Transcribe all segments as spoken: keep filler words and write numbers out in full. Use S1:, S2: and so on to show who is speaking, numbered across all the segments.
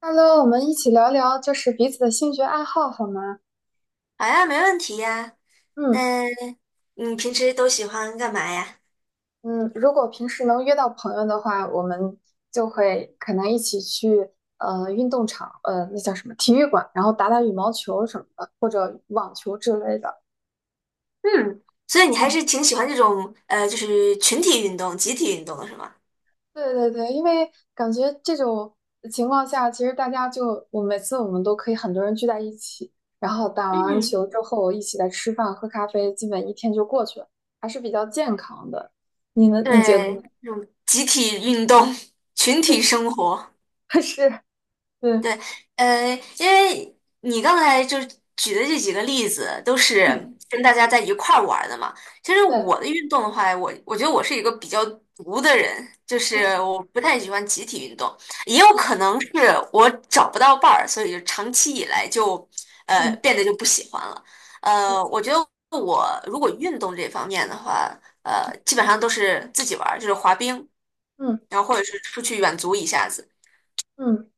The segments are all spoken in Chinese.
S1: Hello，我们一起聊聊就是彼此的兴趣爱好好吗？
S2: 好呀，没问题呀。
S1: 嗯
S2: 那你平时都喜欢干嘛呀？
S1: 嗯，如果平时能约到朋友的话，我们就会可能一起去呃运动场，呃那叫什么体育馆，然后打打羽毛球什么的，或者网球之类的。
S2: 嗯，所以你还
S1: 嗯，
S2: 是挺喜欢这种呃，就是群体运动、集体运动的是吗？
S1: 对对对，因为感觉这种情况下，其实大家就我每次我们都可以很多人聚在一起，然后打完
S2: 嗯，
S1: 球之后一起来吃饭喝咖啡，基本一天就过去了，还是比较健康的。你呢？你觉得呢？
S2: 对，这种集体运动、群体生活。
S1: 是，嗯
S2: 对，呃，因为你刚才就举的这几个例子都是
S1: 嗯，
S2: 跟大家在一块儿玩儿的嘛。其实
S1: 对，
S2: 我的运动的话，我我觉得我是一个比较独的人，就是
S1: 嗯
S2: 我不太喜欢集体运动，也有可
S1: 嗯
S2: 能是我找不到伴儿，所以就长期以来就呃
S1: 嗯
S2: 变得就不喜欢了。呃，
S1: 嗯
S2: 我觉得我如果运动这方面的话，呃，基本上都是自己玩儿，就是滑冰，
S1: 嗯
S2: 然后或者是出去远足一下子。
S1: 嗯，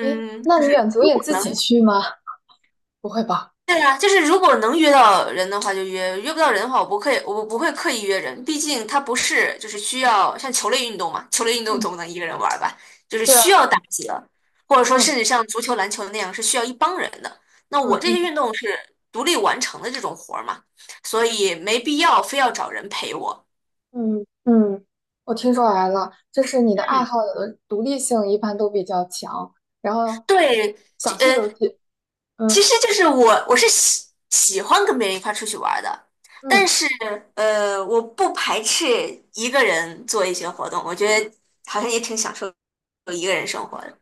S1: 诶，那
S2: 就
S1: 你远
S2: 是
S1: 足
S2: 如
S1: 也
S2: 果
S1: 自己
S2: 能。
S1: 去吗？不会吧？
S2: 对呀，就是如果能约到人的话就约，约不到人的话我不刻意，我不会刻意约人，毕竟它不是就是需要像球类运动嘛，球类运动
S1: 嗯，
S2: 总不能一个人玩儿吧，就是
S1: 是啊，
S2: 需要打几个，或者说甚
S1: 嗯
S2: 至像足球、篮球那样是需要一帮人的。那
S1: 嗯
S2: 我这些
S1: 嗯
S2: 运动是独立完成的这种活儿嘛，所以没必要非要找人陪我。
S1: 嗯嗯，我听出来了，就是你的爱
S2: 嗯，
S1: 好有的独立性一般都比较强，然后
S2: 对，这
S1: 想去
S2: 呃，
S1: 就去，
S2: 其
S1: 嗯
S2: 实就是我，我是喜喜欢跟别人一块儿出去玩儿的，但
S1: 嗯。
S2: 是呃，我不排斥一个人做一些活动，我觉得好像也挺享受一个人生活的。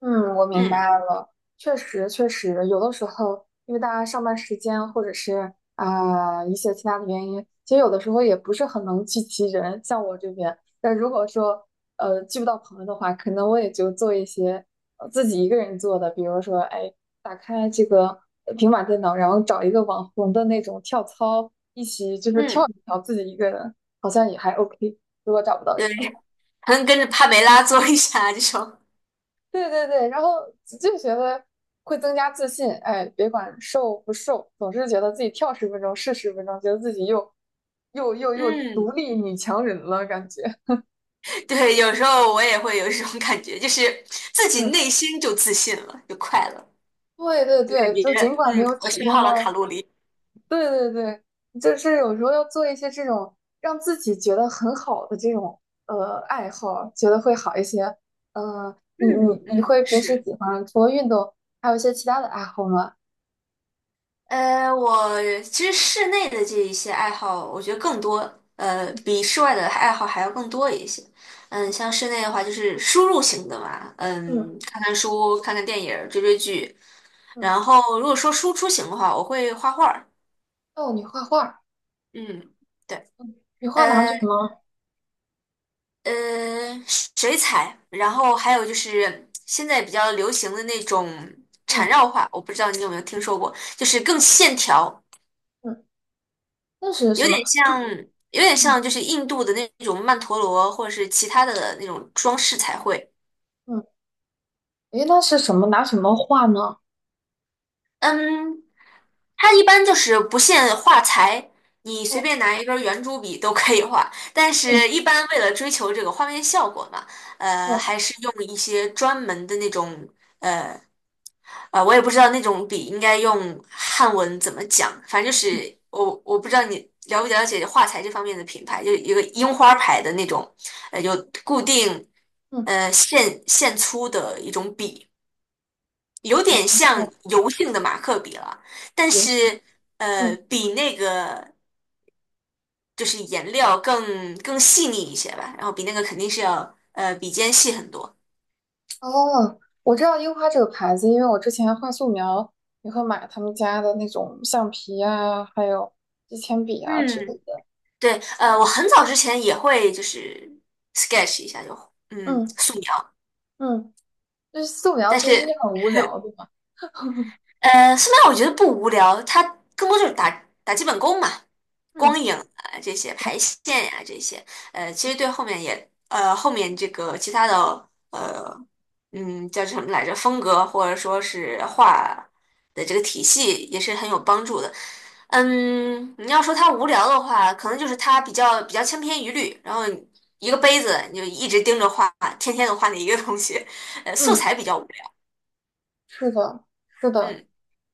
S1: 嗯，我明
S2: 嗯
S1: 白了，确实确实，有的时候因为大家上班时间或者是啊、一些其他的原因，其实有的时候也不是很能聚齐人。像我这边，但如果说呃聚不到朋友的话，可能我也就做一些呃自己一个人做的，比如说哎，打开这个呃平板电脑，然后找一个网红的那种跳操，一起就是跳
S2: 嗯，
S1: 一跳，自己一个人好像也还 OK。如果找不到人。
S2: 对，好能跟着帕梅拉做一下这种。
S1: 对对对，然后就觉得会增加自信，哎，别管瘦不瘦，总是觉得自己跳十分钟是十分钟，觉得自己又又又又独
S2: 嗯，
S1: 立女强人了，感觉，
S2: 对，有时候我也会有一种感觉，就是自己
S1: 嗯，
S2: 内心就自信了，就快乐，
S1: 对对对，
S2: 别
S1: 就尽
S2: 人，
S1: 管没
S2: 嗯，
S1: 有
S2: 我
S1: 体
S2: 消
S1: 现
S2: 耗了
S1: 到，
S2: 卡路里。
S1: 对对对，就是有时候要做一些这种让自己觉得很好的这种呃爱好，觉得会好一些。嗯、你
S2: 嗯
S1: 你你
S2: 嗯，
S1: 会平时
S2: 是。
S1: 喜欢除了运动，还有一些其他的爱好吗？
S2: 呃，我其实室内的这一些爱好，我觉得更多，呃，
S1: 嗯
S2: 比室外的爱好还要更多一些。嗯，像室内的话，就是输入型的嘛，
S1: 嗯
S2: 嗯，看看书、看看电影儿追追剧。
S1: 嗯，
S2: 然后，如果说输出型的话，我会画画儿。
S1: 哦，你画画。
S2: 嗯，对，
S1: 你画拿什
S2: 呃
S1: 么？
S2: 呃，水彩，然后还有就是现在比较流行的那种缠
S1: 嗯
S2: 绕画，我不知道你有没有听说过，就是更线条。
S1: 嗯，那是
S2: 有
S1: 什么？
S2: 点像，
S1: 嗯
S2: 有点
S1: 嗯，
S2: 像就是印度的那种曼陀罗，或者是其他的那种装饰彩绘。
S1: 嗯诶，那是什么？拿什么画呢？
S2: 嗯，它一般就是不限画材，你随
S1: 哦，
S2: 便拿一根圆珠笔都可以画。但是，一
S1: 嗯
S2: 般为了追求这个画面效果嘛，呃，还
S1: 哦
S2: 是用一些专门的那种。呃啊，我也不知道那种笔应该用汉文怎么讲，反正就是我我不知道你了不了解画材这方面的品牌，就一个樱花牌的那种，呃，有固定
S1: 嗯
S2: 呃线线粗的一种笔，有
S1: 哦
S2: 点像
S1: 哦，
S2: 油性的马克笔了，但
S1: 游戏
S2: 是呃
S1: 嗯
S2: 比那个就是颜料更更细腻一些吧，然后比那个肯定是要呃笔尖细很多。
S1: 哦，我知道樱花这个牌子，因为我之前画素描也会买他们家的那种橡皮啊，还有支铅笔啊之类
S2: 嗯，
S1: 的。
S2: 对，呃，我很早之前也会就是 sketch 一下就，嗯，
S1: 嗯
S2: 素描。
S1: 嗯，就是素描
S2: 但
S1: 其
S2: 是，
S1: 实是很无聊对嘛。
S2: 呃，素描我觉得不无聊，它更多就是打打基本功嘛，光
S1: 嗯
S2: 影啊这些，排线呀、这些，呃，其实对后面也，呃，后面这个其他的，呃，嗯，叫什么来着，风格或者说是画的这个体系也是很有帮助的。嗯，你要说他无聊的话，可能就是他比较比较千篇一律，然后一个杯子你就一直盯着画，天天都画那一个东西，呃，素
S1: 嗯，
S2: 材比较无聊。
S1: 是的，是的。
S2: 嗯，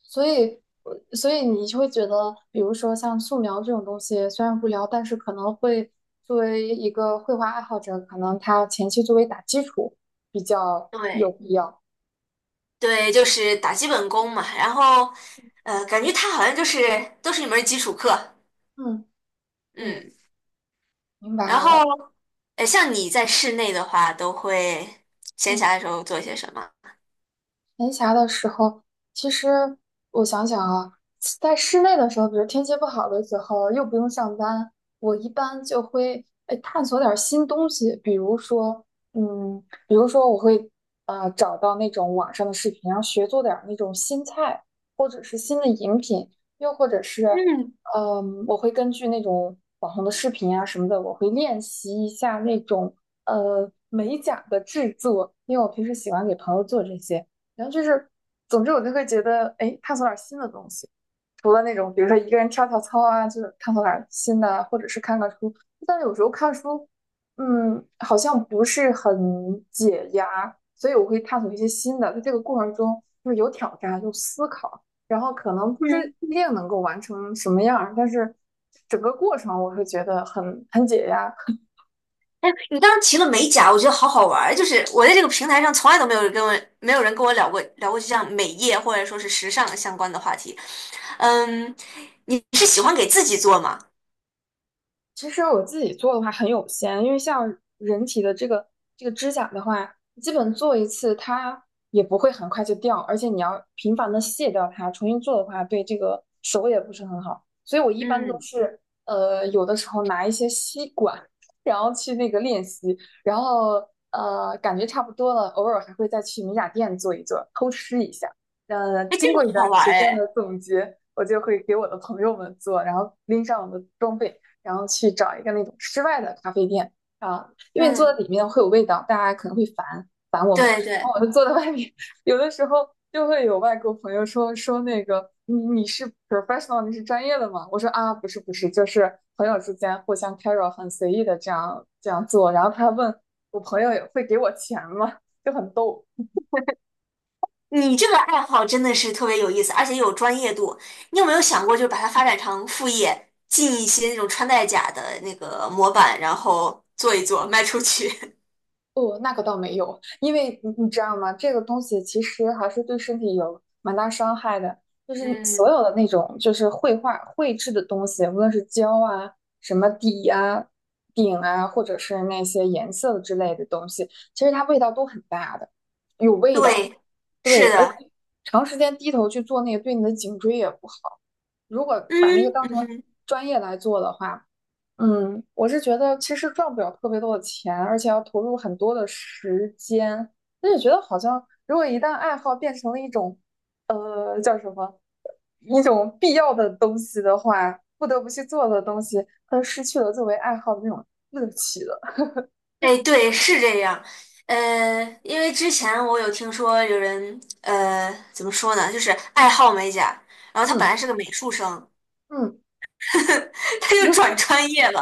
S1: 所以，呃所以你就会觉得，比如说像素描这种东西，虽然无聊，但是可能会作为一个绘画爱好者，可能他前期作为打基础比较有
S2: 对
S1: 必要。
S2: 对，就是打基本功嘛，然后呃，感觉他好像就是都是一门儿基础课。
S1: 嗯，对，
S2: 嗯，
S1: 明
S2: 然
S1: 白
S2: 后
S1: 了。
S2: 呃，像你在室内的话，都会闲
S1: 嗯。
S2: 暇的时候做些什么？
S1: 闲暇的时候，其实我想想啊，在室内的时候，比如天气不好的时候，又不用上班，我一般就会哎探索点儿新东西，比如说，嗯，比如说我会啊找到那种网上的视频，然后学做点儿那种新菜，或者是新的饮品，又或者是，
S2: 嗯
S1: 嗯，我会根据那种网红的视频啊什么的，我会练习一下那种呃美甲的制作，因为我平时喜欢给朋友做这些。然后就是，总之我就会觉得，哎，探索点儿新的东西，除了那种比如说一个人跳跳操啊，就是探索点儿新的啊或者是看看书。但是有时候看书，嗯，好像不是很解压，所以我会探索一些新的。在这个过程中，就是有挑战，有思考，然后可能不是
S2: 嗯。
S1: 不一定能够完成什么样儿，但是整个过程我会觉得很很解压，
S2: 哎，你刚刚提了美甲，我觉得好好玩儿。就是我在这个平台上从来都没有人跟我没有人跟我聊过聊过就像美业或者说是时尚相关的话题。嗯，你是喜欢给自己做吗？
S1: 其实我自己做的话很有限，因为像人体的这个这个指甲的话，基本做一次它也不会很快就掉，而且你要频繁的卸掉它，重新做的话对这个手也不是很好。所以我一般都
S2: 嗯，
S1: 是呃有的时候拿一些吸管，然后去那个练习，然后呃感觉差不多了，偶尔还会再去美甲店做一做，偷吃一下。呃，
S2: 哎，这个
S1: 经过一
S2: 好
S1: 段
S2: 玩儿
S1: 时间的
S2: 哎。
S1: 总结，我就会给我的朋友们做，然后拎上我的装备。然后去找一个那种室外的咖啡店啊，因为坐在
S2: 嗯，
S1: 里面会有味道，大家可能会烦烦我们，然
S2: 对
S1: 后
S2: 对，
S1: 我就坐在外面，有的时候就会有外国朋友说说那个你你是 professional，你是专业的吗？我说啊不是不是，就是朋友之间互相 carry 很随意的这样这样做，然后他问我朋友会给我钱吗？就很逗。
S2: 你这个爱好真的是特别有意思，而且有专业度。你有没有想过，就是把它发展成副业，进一些那种穿戴甲的那个模板，然后做一做，卖出去？
S1: 哦，那个倒没有，因为你你知道吗？这个东西其实还是对身体有蛮大伤害的。就 是所
S2: 嗯，
S1: 有的那种就是绘画绘制的东西，无论是胶啊、什么底啊、顶啊，或者是那些颜色之类的东西，其实它味道都很大的，有味道。
S2: 对，
S1: 对，
S2: 是
S1: 而
S2: 的。
S1: 且长时间低头去做那个，对你的颈椎也不好。如果把那个
S2: 嗯
S1: 当成
S2: 嗯
S1: 专业来做的话，嗯，我是觉得其实赚不了特别多的钱，而且要投入很多的时间。那就觉得好像，如果一旦爱好变成了一种，呃，叫什么，一种必要的东西的话，不得不去做的东西，它就失去了作为爱好的那种乐趣了。
S2: 哎，对，是这样。呃，因为之前我有听说有人，呃，怎么说呢，就是爱好美甲，然后他本来
S1: 嗯
S2: 是个美术生，
S1: 嗯
S2: 他就转 专业了，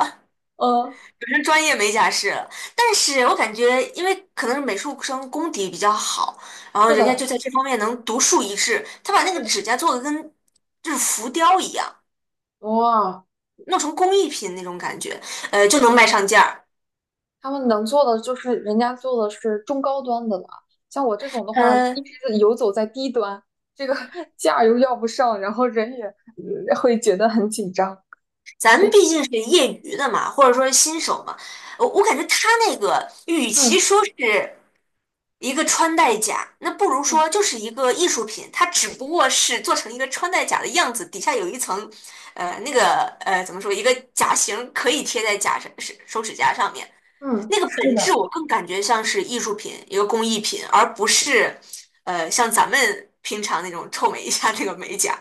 S1: 嗯，
S2: 转成专业美甲师了。但是我感觉，因为可能是美术生功底比较好，然后
S1: 是
S2: 人家就
S1: 的，
S2: 在这方面能独树一帜，他把那个
S1: 对，
S2: 指甲做的跟就是浮雕一样，
S1: 哇，
S2: 弄成工艺品那种感觉，呃，就能卖上价儿。
S1: 他们能做的就是人家做的是中高端的了，像我这种的话，一
S2: 呃，
S1: 直是游走在低端，这个 价又要不上，然后人也呃会觉得很紧张。
S2: 咱们毕竟是业余的嘛，或者说是新手嘛，我我感觉他那个与其
S1: 嗯
S2: 说是一个穿戴甲，那不如
S1: 嗯
S2: 说就是一个艺术品，它只不过是做成一个穿戴甲的样子，底下有一层，呃，那个呃怎么说，一个甲型可以贴在甲上是手指甲上面，
S1: 嗯，
S2: 那个
S1: 是
S2: 本质
S1: 的，
S2: 我更感觉像是艺术品，一个工艺品，而不是呃像咱们平常那种臭美一下那个美甲。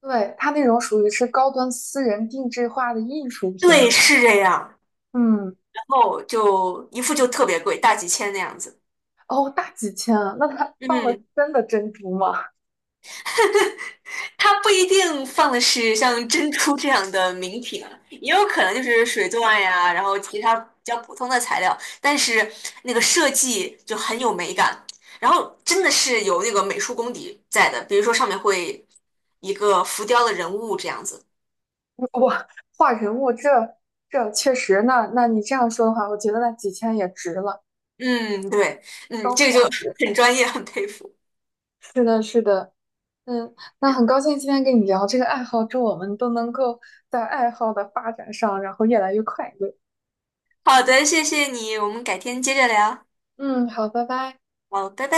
S1: 对，他那种属于是高端私人定制化的艺术
S2: 对，
S1: 品。
S2: 是这样。
S1: 嗯，
S2: 后就一副就特别贵，大几千那样子。
S1: 哦，大几千啊，那他
S2: 嗯，
S1: 真的珍珠吗？
S2: 它不一定放的是像珍珠这样的名品啊，也有可能就是水钻呀，然后其他比较普通的材料，但是那个设计就很有美感，然后真的是有那个美术功底在的，比如说上面会一个浮雕的人物这样子。
S1: 哇，画人物这这确实，那那你这样说的话，我觉得那几千也值了，
S2: 嗯，对，嗯，
S1: 高
S2: 这个就
S1: 价值。
S2: 很专业，很佩服。
S1: 是的，是的。嗯，那很高兴今天跟你聊这个爱好，祝我们都能够在爱好的发展上，然后越来越快乐。
S2: 好的，谢谢你，我们改天接着聊。
S1: 嗯，好，拜拜。
S2: 好，拜拜。